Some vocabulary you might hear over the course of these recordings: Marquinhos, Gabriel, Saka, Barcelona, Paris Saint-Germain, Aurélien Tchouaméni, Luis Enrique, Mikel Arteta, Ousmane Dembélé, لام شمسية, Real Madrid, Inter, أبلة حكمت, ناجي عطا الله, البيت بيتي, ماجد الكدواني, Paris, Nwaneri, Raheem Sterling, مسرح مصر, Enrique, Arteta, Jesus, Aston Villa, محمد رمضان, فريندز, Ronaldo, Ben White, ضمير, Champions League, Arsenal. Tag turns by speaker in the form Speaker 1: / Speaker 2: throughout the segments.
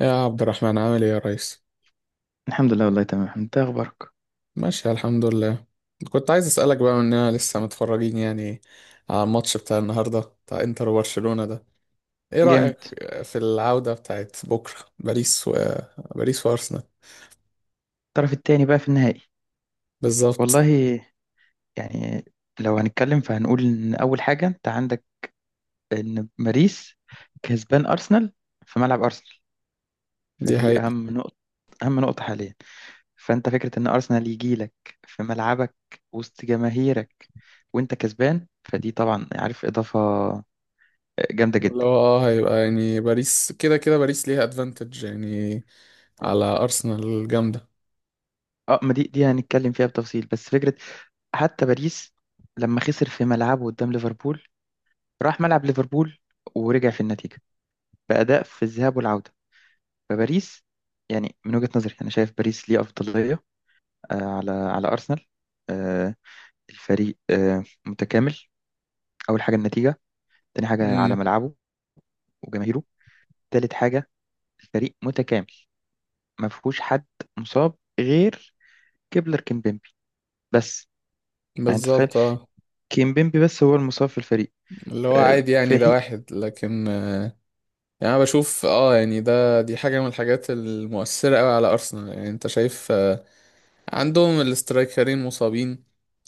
Speaker 1: يا عبد الرحمن، عامل ايه يا ريس؟
Speaker 2: الحمد لله، والله تمام. انت اخبارك؟
Speaker 1: ماشي الحمد لله. كنت عايز اسالك بقى، مننا لسه متفرجين يعني على الماتش بتاع النهارده بتاع انتر وبرشلونة ده؟ ايه
Speaker 2: جامد.
Speaker 1: رايك في العوده بتاعت بكره؟ باريس وارسنال.
Speaker 2: الطرف التاني بقى في النهائي. والله،
Speaker 1: بالظبط.
Speaker 2: يعني لو هنتكلم فهنقول ان اول حاجه انت عندك ان باريس كسبان ارسنال في ملعب ارسنال،
Speaker 1: دي
Speaker 2: فدي
Speaker 1: حقيقة.
Speaker 2: اهم نقطه. اهم نقطه حاليا. فانت فكره ان ارسنال يجي لك في ملعبك وسط جماهيرك وانت كسبان، فدي طبعا عارف اضافه جامده
Speaker 1: اللي هو
Speaker 2: جدا.
Speaker 1: هيبقى يعني باريس كده كده، باريس ليها ادفانتج يعني على ارسنال جامده.
Speaker 2: اه، ما دي هنتكلم فيها بتفصيل. بس فكره، حتى باريس لما خسر في ملعبه قدام ليفربول، راح ملعب ليفربول ورجع في النتيجة بأداء في الذهاب والعودة. فباريس، يعني من وجهة نظري أنا شايف باريس ليه أفضلية على أرسنال. آه، الفريق متكامل. أول حاجة النتيجة، تاني حاجة على
Speaker 1: امم.
Speaker 2: ملعبه وجماهيره، تالت حاجة الفريق متكامل ما فيهوش حد مصاب غير كيبلر كيمبيمبي بس. يعني أنت تتخيل،
Speaker 1: بالظبط، اه.
Speaker 2: كيمبيمبي بس هو المصاب في الفريق،
Speaker 1: اللي هو عادي يعني،
Speaker 2: في
Speaker 1: ده
Speaker 2: حين
Speaker 1: واحد لكن. يعني انا بشوف، يعني دي حاجه من الحاجات المؤثره قوي على ارسنال. يعني انت شايف، عندهم الاسترايكرين مصابين.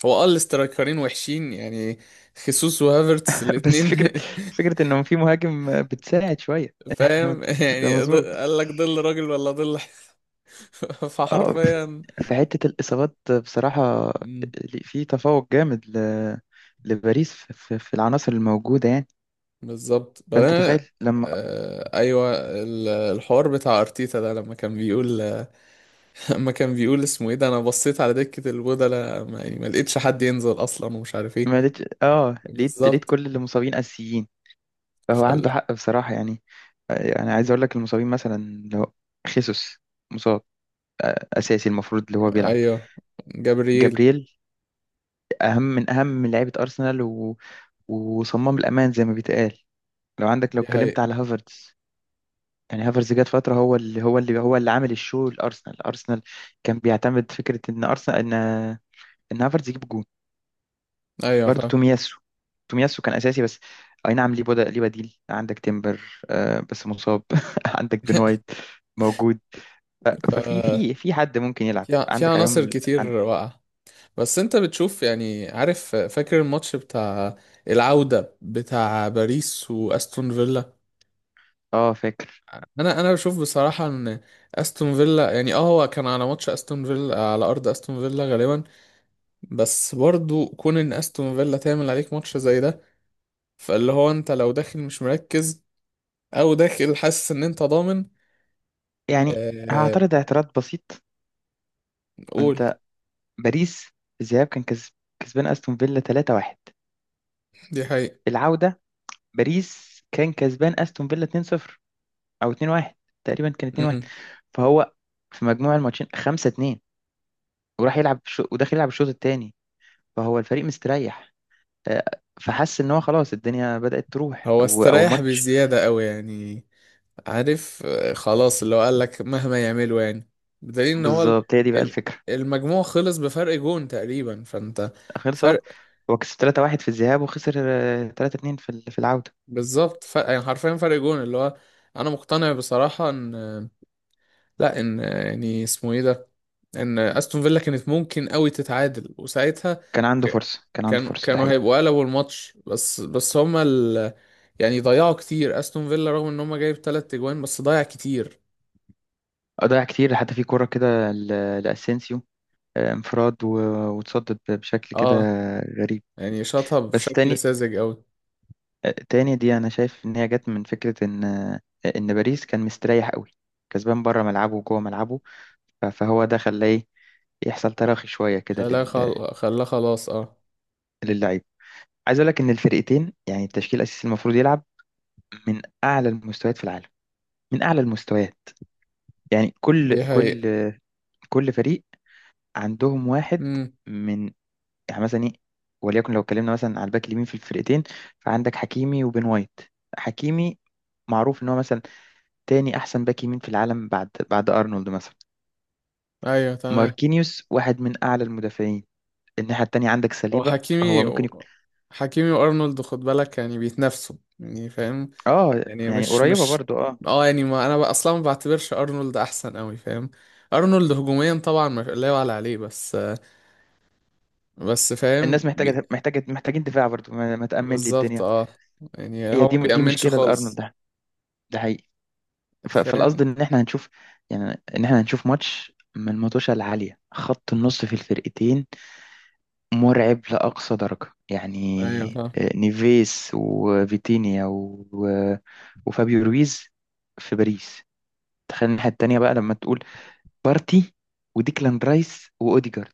Speaker 1: هو الاسترايكرين وحشين يعني، خيسوس وهافرتس
Speaker 2: بس
Speaker 1: الاتنين.
Speaker 2: فكرة، فكرة إنه في مهاجم بتساعد شوية.
Speaker 1: فاهم
Speaker 2: ده
Speaker 1: يعني،
Speaker 2: مظبوط.
Speaker 1: قال لك ظل راجل ولا ظل؟
Speaker 2: اه،
Speaker 1: فحرفيا.
Speaker 2: في حتة الإصابات بصراحة
Speaker 1: مم.
Speaker 2: في تفوق جامد ل... لباريس في العناصر الموجودة يعني.
Speaker 1: بالظبط،
Speaker 2: فأنت
Speaker 1: بعدين.
Speaker 2: تخيل لما
Speaker 1: آه ايوه. الحوار بتاع ارتيتا ده، لما كان بيقول، لما كان بيقول اسمه ايه ده، انا بصيت على دكة البودلة، ما, يعني ما لقيتش حد ينزل اصلا ومش عارف ايه.
Speaker 2: ما لقيت، اه لقيت
Speaker 1: بالظبط.
Speaker 2: كل اللي مصابين أساسيين، فهو عنده
Speaker 1: فال...
Speaker 2: حق بصراحة يعني. يعني عايز أقول لك المصابين مثلا، لو خيسوس مصاب أساسي المفروض اللي هو بيلعب.
Speaker 1: ايوه، جبريل.
Speaker 2: جابرييل أهم من أهم لعيبة أرسنال و... وصمام الأمان زي ما بيتقال. لو عندك، لو
Speaker 1: دي
Speaker 2: اتكلمت
Speaker 1: حقيقة.
Speaker 2: على هافرتز يعني، هافرز جات فترة هو اللي هو عامل الشو لأرسنال. أرسنال كان بيعتمد فكرة إن أرسنال إن إن هافرز يجيب جون.
Speaker 1: ايوه
Speaker 2: برضه
Speaker 1: فاهم.
Speaker 2: تومياسو، تومياسو كان أساسي بس أي نعم. ليه بديل، عندك تيمبر آه بس مصاب. عندك بن وايت موجود. ف-
Speaker 1: ف
Speaker 2: ففي في حد ممكن يلعب،
Speaker 1: في في
Speaker 2: عندك عيوم
Speaker 1: عناصر كتير واقعة. بس انت بتشوف يعني، عارف، فاكر الماتش بتاع العودة بتاع باريس واستون فيلا؟
Speaker 2: اه فاكر.
Speaker 1: انا بشوف بصراحة ان استون فيلا يعني، هو كان على ماتش، استون فيلا على ارض استون فيلا غالبا. بس برضو كون ان استون فيلا تعمل عليك ماتش زي ده، فاللي هو انت لو داخل مش مركز، او داخل حاسس ان انت ضامن.
Speaker 2: يعني
Speaker 1: آه،
Speaker 2: هعترض اعتراض بسيط.
Speaker 1: قول.
Speaker 2: انت باريس الذهاب كان كسب، كسبان استون فيلا 3-1.
Speaker 1: دي حقيقة.
Speaker 2: العودة باريس كان كسبان استون فيلا 2-0 او 2-1، تقريبا كان 2-1.
Speaker 1: امم.
Speaker 2: فهو في مجموع الماتشين 5-2 وراح وداخل يلعب الشوط الثاني، فهو الفريق مستريح. آه، فحس ان هو خلاص الدنيا بدأت تروح
Speaker 1: هو
Speaker 2: او
Speaker 1: استريح
Speaker 2: الماتش.
Speaker 1: بزيادة قوي يعني. عارف، خلاص، اللي هو قال لك مهما يعملوا يعني، بدليل ان هو
Speaker 2: بالظبط هي دي بقى
Speaker 1: الم-
Speaker 2: الفكرة.
Speaker 1: المجموع خلص بفرق جون تقريبا، فانت
Speaker 2: خلص أهو.
Speaker 1: فرق.
Speaker 2: هو كسب 3-1 في الذهاب وخسر 3-2 في العودة.
Speaker 1: بالظبط، فرق يعني حرفيا، فرق جون. اللي هو انا مقتنع بصراحة ان، لا، ان يعني اسمه ايه ده، ان استون فيلا كانت ممكن قوي تتعادل وساعتها
Speaker 2: كان عنده
Speaker 1: ك-
Speaker 2: فرصة، كان عنده
Speaker 1: كانوا
Speaker 2: فرصة، ده
Speaker 1: كانوا
Speaker 2: حقيقي.
Speaker 1: هيبقوا قلبوا الماتش. بس هما يعني ضيعوا كتير استون فيلا، رغم ان هما جايب 3 اجوان بس ضيع كتير.
Speaker 2: ضيع كتير حتى في كرة كده ل- لأسينسيو، انفراد و... وتصدد بشكل كده
Speaker 1: اه
Speaker 2: غريب.
Speaker 1: يعني شاطها
Speaker 2: بس
Speaker 1: بشكل
Speaker 2: تاني،
Speaker 1: ساذج قوي.
Speaker 2: دي انا شايف ان هي جت من فكره ان باريس كان مستريح قوي، كسبان بره ملعبه وجوه ملعبه. ف- فهو ده خلاه إيه؟ يحصل تراخي شويه كده لل...
Speaker 1: خلاها خلاص، اه.
Speaker 2: للعيب. عايز اقول لك ان الفرقتين يعني التشكيل الاساسي المفروض يلعب من اعلى المستويات في العالم، من اعلى المستويات. يعني كل
Speaker 1: دي
Speaker 2: كل
Speaker 1: حقيقة.
Speaker 2: كل فريق عندهم واحد
Speaker 1: امم.
Speaker 2: من، يعني مثلا ايه، وليكن لو اتكلمنا مثلا على الباك اليمين في الفرقتين، فعندك حكيمي وبن وايت. حكيمي معروف ان هو مثلا تاني أحسن باك يمين في العالم بعد أرنولد مثلا.
Speaker 1: ايوه تمام.
Speaker 2: ماركينيوس واحد من أعلى المدافعين. الناحية التانية عندك
Speaker 1: هو
Speaker 2: سليبة، هو
Speaker 1: حكيمي
Speaker 2: ممكن يكون
Speaker 1: و... حكيمي وارنولد، خد بالك يعني بيتنافسوا، يعني فاهم.
Speaker 2: آه،
Speaker 1: يعني
Speaker 2: يعني
Speaker 1: مش
Speaker 2: قريبة
Speaker 1: مش
Speaker 2: برضو آه.
Speaker 1: اه، يعني ما انا بقى اصلا ما بعتبرش ارنولد احسن قوي، فاهم. ارنولد هجوميا طبعا ما لا يعلى عليه، بس بس فاهم
Speaker 2: الناس محتاجة، محتاجين دفاع برضو، ما ما تأمن لي
Speaker 1: بالظبط،
Speaker 2: الدنيا.
Speaker 1: اه. يعني
Speaker 2: هي
Speaker 1: هو ما
Speaker 2: دي
Speaker 1: بيأمنش
Speaker 2: مشكلة لأرنولد
Speaker 1: خالص.
Speaker 2: ده، ده حقيقي. ف- فالقصد
Speaker 1: فاهم.
Speaker 2: إن إحنا هنشوف، يعني إن إحنا هنشوف ماتش من المطوشة العالية. خط النص في الفرقتين مرعب لأقصى درجة يعني.
Speaker 1: ايوه فاهم.
Speaker 2: نيفيس وفيتينيا و... و- وفابيو رويز في باريس. تخيل الناحية التانية بقى لما تقول بارتي وديكلان رايس وأوديجارد.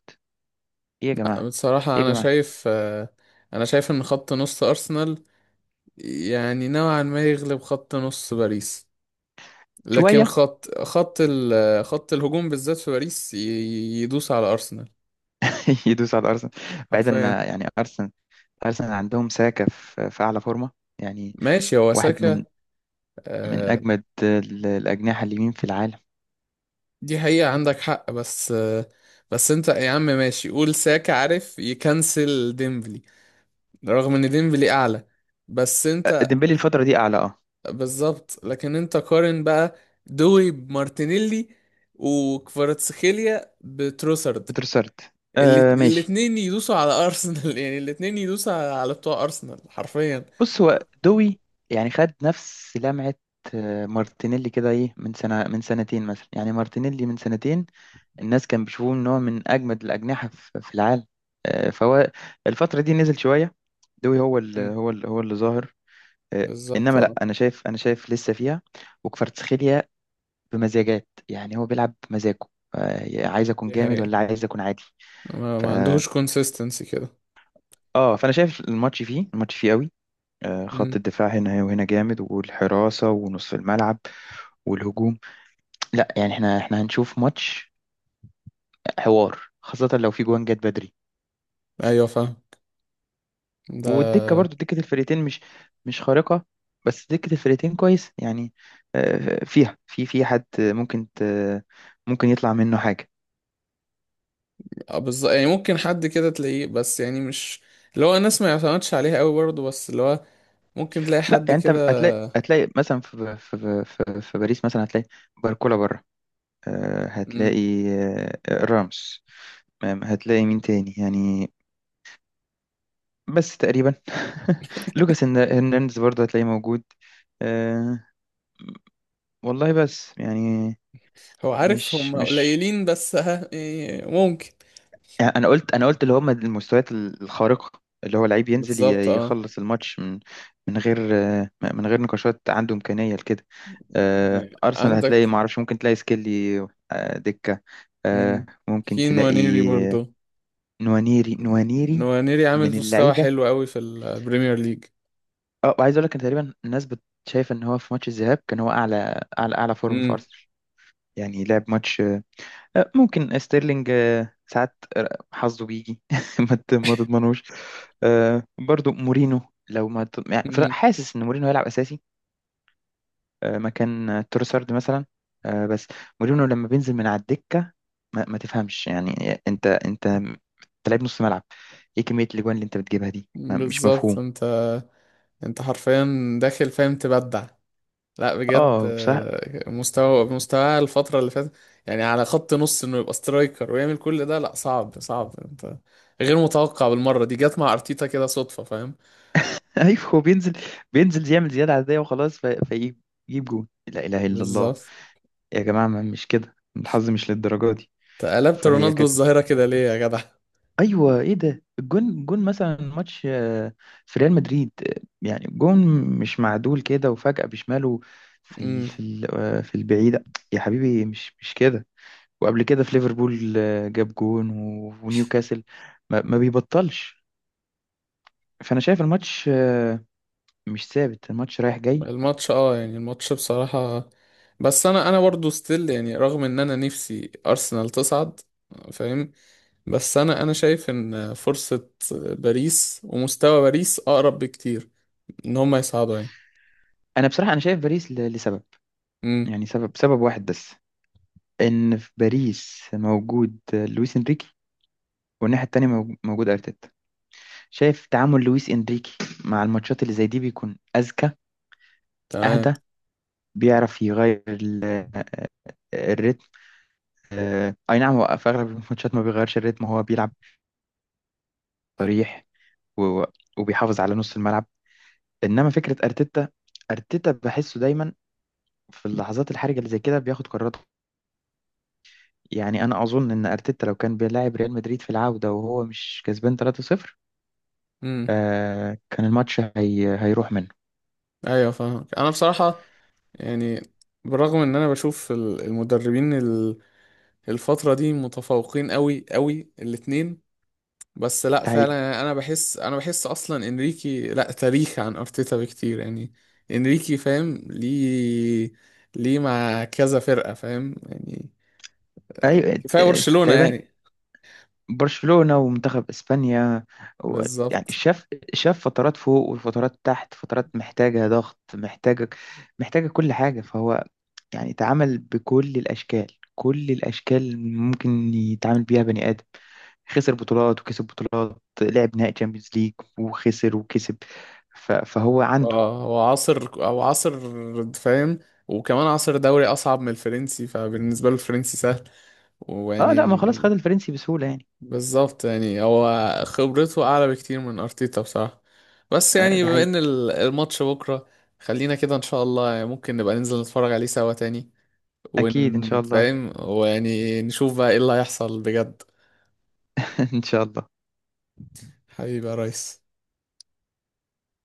Speaker 2: إيه يا
Speaker 1: لا
Speaker 2: جماعة،
Speaker 1: بصراحة
Speaker 2: إيه يا
Speaker 1: انا
Speaker 2: جماعة.
Speaker 1: شايف، انا شايف ان خط نص ارسنال يعني نوعا ما يغلب خط نص باريس. لكن
Speaker 2: شوية
Speaker 1: خط الهجوم بالذات في باريس، يدوس على ارسنال
Speaker 2: يدوس على أرسنال. بعيدا إن
Speaker 1: حرفيا.
Speaker 2: يعني أرسنال، أرسنال عندهم ساكا في في أعلى فورمة يعني،
Speaker 1: ماشي، هو
Speaker 2: واحد
Speaker 1: ساكا.
Speaker 2: من
Speaker 1: آه.
Speaker 2: أجمد الأجنحة اليمين في العالم.
Speaker 1: دي حقيقة، عندك حق. بس بس انت يا عم، ماشي قول ساكا عارف يكنسل ديمبلي، رغم ان ديمبلي اعلى. بس
Speaker 2: أه،
Speaker 1: انت،
Speaker 2: ديمبلي الفترة دي أعلى أه.
Speaker 1: بالظبط. لكن انت قارن بقى: دوي بمارتينيلي، وكفاراتسخيليا بتروسرد.
Speaker 2: بتروسارد أه، ماشي.
Speaker 1: الاتنين يدوسوا على ارسنال. يعني الاتنين يدوسوا على بتوع ارسنال حرفيا.
Speaker 2: بص هو دوي يعني خد نفس لمعة مارتينيلي كده إيه من سنة، من سنتين مثلا. يعني مارتينيلي من سنتين الناس كان بيشوفوه ان هو من اجمد الاجنحه في في العالم. فهو الفتره دي نزل شويه. دوي هو اللي
Speaker 1: مم.
Speaker 2: هو اللي هو اللي ظاهر. آه،
Speaker 1: بالظبط،
Speaker 2: انما لا
Speaker 1: اه.
Speaker 2: انا شايف، لسه فيها. وكفاراتسخيليا بمزاجات، يعني هو بيلعب بمزاجه. عايز اكون
Speaker 1: دي
Speaker 2: جامد
Speaker 1: حقيقة.
Speaker 2: ولا عايز اكون عادي.
Speaker 1: ما,
Speaker 2: ف،
Speaker 1: ما عندهوش كونسيستنسي كده.
Speaker 2: اه فانا شايف الماتش فيه، الماتش فيه قوي. خط
Speaker 1: مم.
Speaker 2: الدفاع هنا وهنا جامد، والحراسه ونصف الملعب والهجوم. لا يعني احنا، احنا هنشوف ماتش حوار، خاصه لو في جوان جت بدري.
Speaker 1: ايوه فاهم ده.
Speaker 2: والدكة برضو، دكة الفرقتين مش خارقة، بس دكة الفرقتين كويس يعني. فيها، في حد ممكن يطلع منه حاجة.
Speaker 1: اه، بالظبط. يعني ممكن حد كده تلاقيه، بس يعني مش اللي هو الناس ما يعتمدش عليها قوي برضه. بس اللي هو ممكن تلاقي
Speaker 2: لا
Speaker 1: حد
Speaker 2: يعني انت،
Speaker 1: كده.
Speaker 2: هتلاقي مثلا في في باريس مثلا هتلاقي باركولا بره،
Speaker 1: مم.
Speaker 2: هتلاقي رامس، هتلاقي مين تاني يعني. بس تقريبا لوكاس هرنانديز برضه هتلاقيه موجود. آه، والله بس يعني،
Speaker 1: هو عارف هم
Speaker 2: مش
Speaker 1: قليلين، بس ها، يعني ممكن.
Speaker 2: يعني انا قلت، اللي هم المستويات الخارقه، اللي هو لعيب ينزل
Speaker 1: بالظبط، اه.
Speaker 2: يخلص الماتش من غير من غير نقاشات، عنده امكانيه لكده.
Speaker 1: يعني
Speaker 2: ارسنال هتلاقي، ما
Speaker 1: عندك،
Speaker 2: اعرفش، ممكن تلاقي سكيلي، دكه،
Speaker 1: مم،
Speaker 2: ممكن
Speaker 1: في
Speaker 2: تلاقي
Speaker 1: نوانيري
Speaker 2: آه،
Speaker 1: برضه.
Speaker 2: نوانيري.
Speaker 1: نوانيري عامل
Speaker 2: من
Speaker 1: مستوى
Speaker 2: اللعيبه.
Speaker 1: حلو قوي في البريمير ليج.
Speaker 2: اه عايز اقول لك إن تقريبا الناس شايفه ان هو في ماتش الذهاب كان هو اعلى فورم في
Speaker 1: امم.
Speaker 2: ارسنال. يعني لعب ماتش. ممكن ستيرلينج ساعات حظه بيجي، ما تضمنوش. برضو مورينو، لو ما ت- يعني حاسس ان مورينو هيلعب اساسي مكان تروسارد مثلا. بس مورينو لما بينزل من على الدكه، ما ما تفهمش يعني. انت لعيب نص ملعب، ايه كميه الاجوان اللي انت بتجيبها دي، مش
Speaker 1: بالظبط،
Speaker 2: مفهوم.
Speaker 1: انت انت حرفيا داخل، فاهم، تبدع. لا بجد،
Speaker 2: اه بصراحه.
Speaker 1: مستوى الفترة اللي فاتت، يعني على خط نص انه يبقى سترايكر ويعمل كل ده، لا صعب، صعب انت. غير متوقع بالمرة. دي جت مع ارتيتا كده صدفة، فاهم.
Speaker 2: ايوه هو بينزل، بينزل يعمل زياده عاديه وخلاص في- فيجيب، يجيب جون، لا اله الا الله.
Speaker 1: بالظبط.
Speaker 2: يا جماعه ما مش كده، الحظ مش للدرجه دي.
Speaker 1: تقلبت
Speaker 2: فهي
Speaker 1: رونالدو
Speaker 2: كانت،
Speaker 1: الظاهرة كده، ليه يا جدع؟
Speaker 2: ايوه ايه ده، الجون، جون مثلا ماتش في ريال مدريد، يعني جون مش معدول كده وفجأة بشماله في ال
Speaker 1: امم.
Speaker 2: في ال في البعيدة. يا حبيبي مش كده. وقبل كده في ليفربول جاب جون و- ونيوكاسل، ما ما بيبطلش. فانا شايف الماتش مش ثابت، الماتش رايح جاي.
Speaker 1: الماتش اه يعني الماتش بصراحة، بس انا برضو ستيل يعني، رغم ان انا نفسي ارسنال تصعد، فاهم. بس انا شايف ان فرصة باريس ومستوى باريس اقرب بكتير ان هم يصعدوا.
Speaker 2: انا بصراحة، انا شايف باريس لسبب
Speaker 1: يعني،
Speaker 2: يعني، سبب واحد بس، ان في باريس موجود لويس انريكي، والناحية التانية موجود ارتيتا. شايف تعامل لويس إنريكي مع الماتشات اللي زي دي بيكون أذكى،
Speaker 1: تمام.
Speaker 2: أهدى، بيعرف يغير الريتم. أي نعم هو في أغلب الماتشات ما بيغيرش الريتم، هو بيلعب صريح و- وبيحافظ على نص الملعب. إنما فكرة أرتيتا، أرتيتا بحسه دايما في اللحظات الحرجة اللي زي كده بياخد قراراته. يعني أنا أظن إن أرتيتا لو كان بيلاعب ريال مدريد في العودة وهو مش كسبان 3-0،
Speaker 1: امم.
Speaker 2: كان الماتش هيروح منه.
Speaker 1: ايوه فاهمك انا بصراحه، يعني بالرغم ان انا بشوف المدربين الفتره دي متفوقين قوي قوي الاتنين. بس لا
Speaker 2: ده هي...
Speaker 1: فعلا يعني، انا بحس اصلا انريكي لا تاريخ عن ارتيتا بكتير يعني. انريكي فاهم ليه، ليه مع كذا فرقه، فاهم يعني.
Speaker 2: أيوة
Speaker 1: كفايه برشلونه
Speaker 2: تقريبا.
Speaker 1: يعني.
Speaker 2: برشلونة ومنتخب اسبانيا و- يعني
Speaker 1: بالظبط،
Speaker 2: شاف، شاف فترات فوق وفترات تحت، فترات محتاجة ضغط، محتاجة كل حاجة. فهو يعني تعامل بكل الاشكال، كل الاشكال اللي ممكن يتعامل بيها بني ادم. خسر بطولات وكسب بطولات، لعب نهائي تشامبيونز ليج وخسر وكسب. ف- فهو عنده،
Speaker 1: اه. هو عصر او عصر، فاهم. وكمان عصر دوري اصعب من الفرنسي، فبالنسبه له الفرنسي سهل.
Speaker 2: اه لا ما
Speaker 1: ويعني،
Speaker 2: خلاص، خد الفرنسي بسهولة يعني.
Speaker 1: بالظبط، يعني هو خبرته اعلى بكتير من ارتيتا بصراحه. بس يعني
Speaker 2: ده
Speaker 1: بما
Speaker 2: حقيقي.
Speaker 1: ان الماتش بكره، خلينا كده ان شاء الله يعني ممكن نبقى ننزل نتفرج عليه سوا تاني،
Speaker 2: اكيد ان شاء الله.
Speaker 1: ونفهم ويعني نشوف بقى ايه اللي هيحصل بجد.
Speaker 2: ان شاء الله.
Speaker 1: حبيبي يا ريس.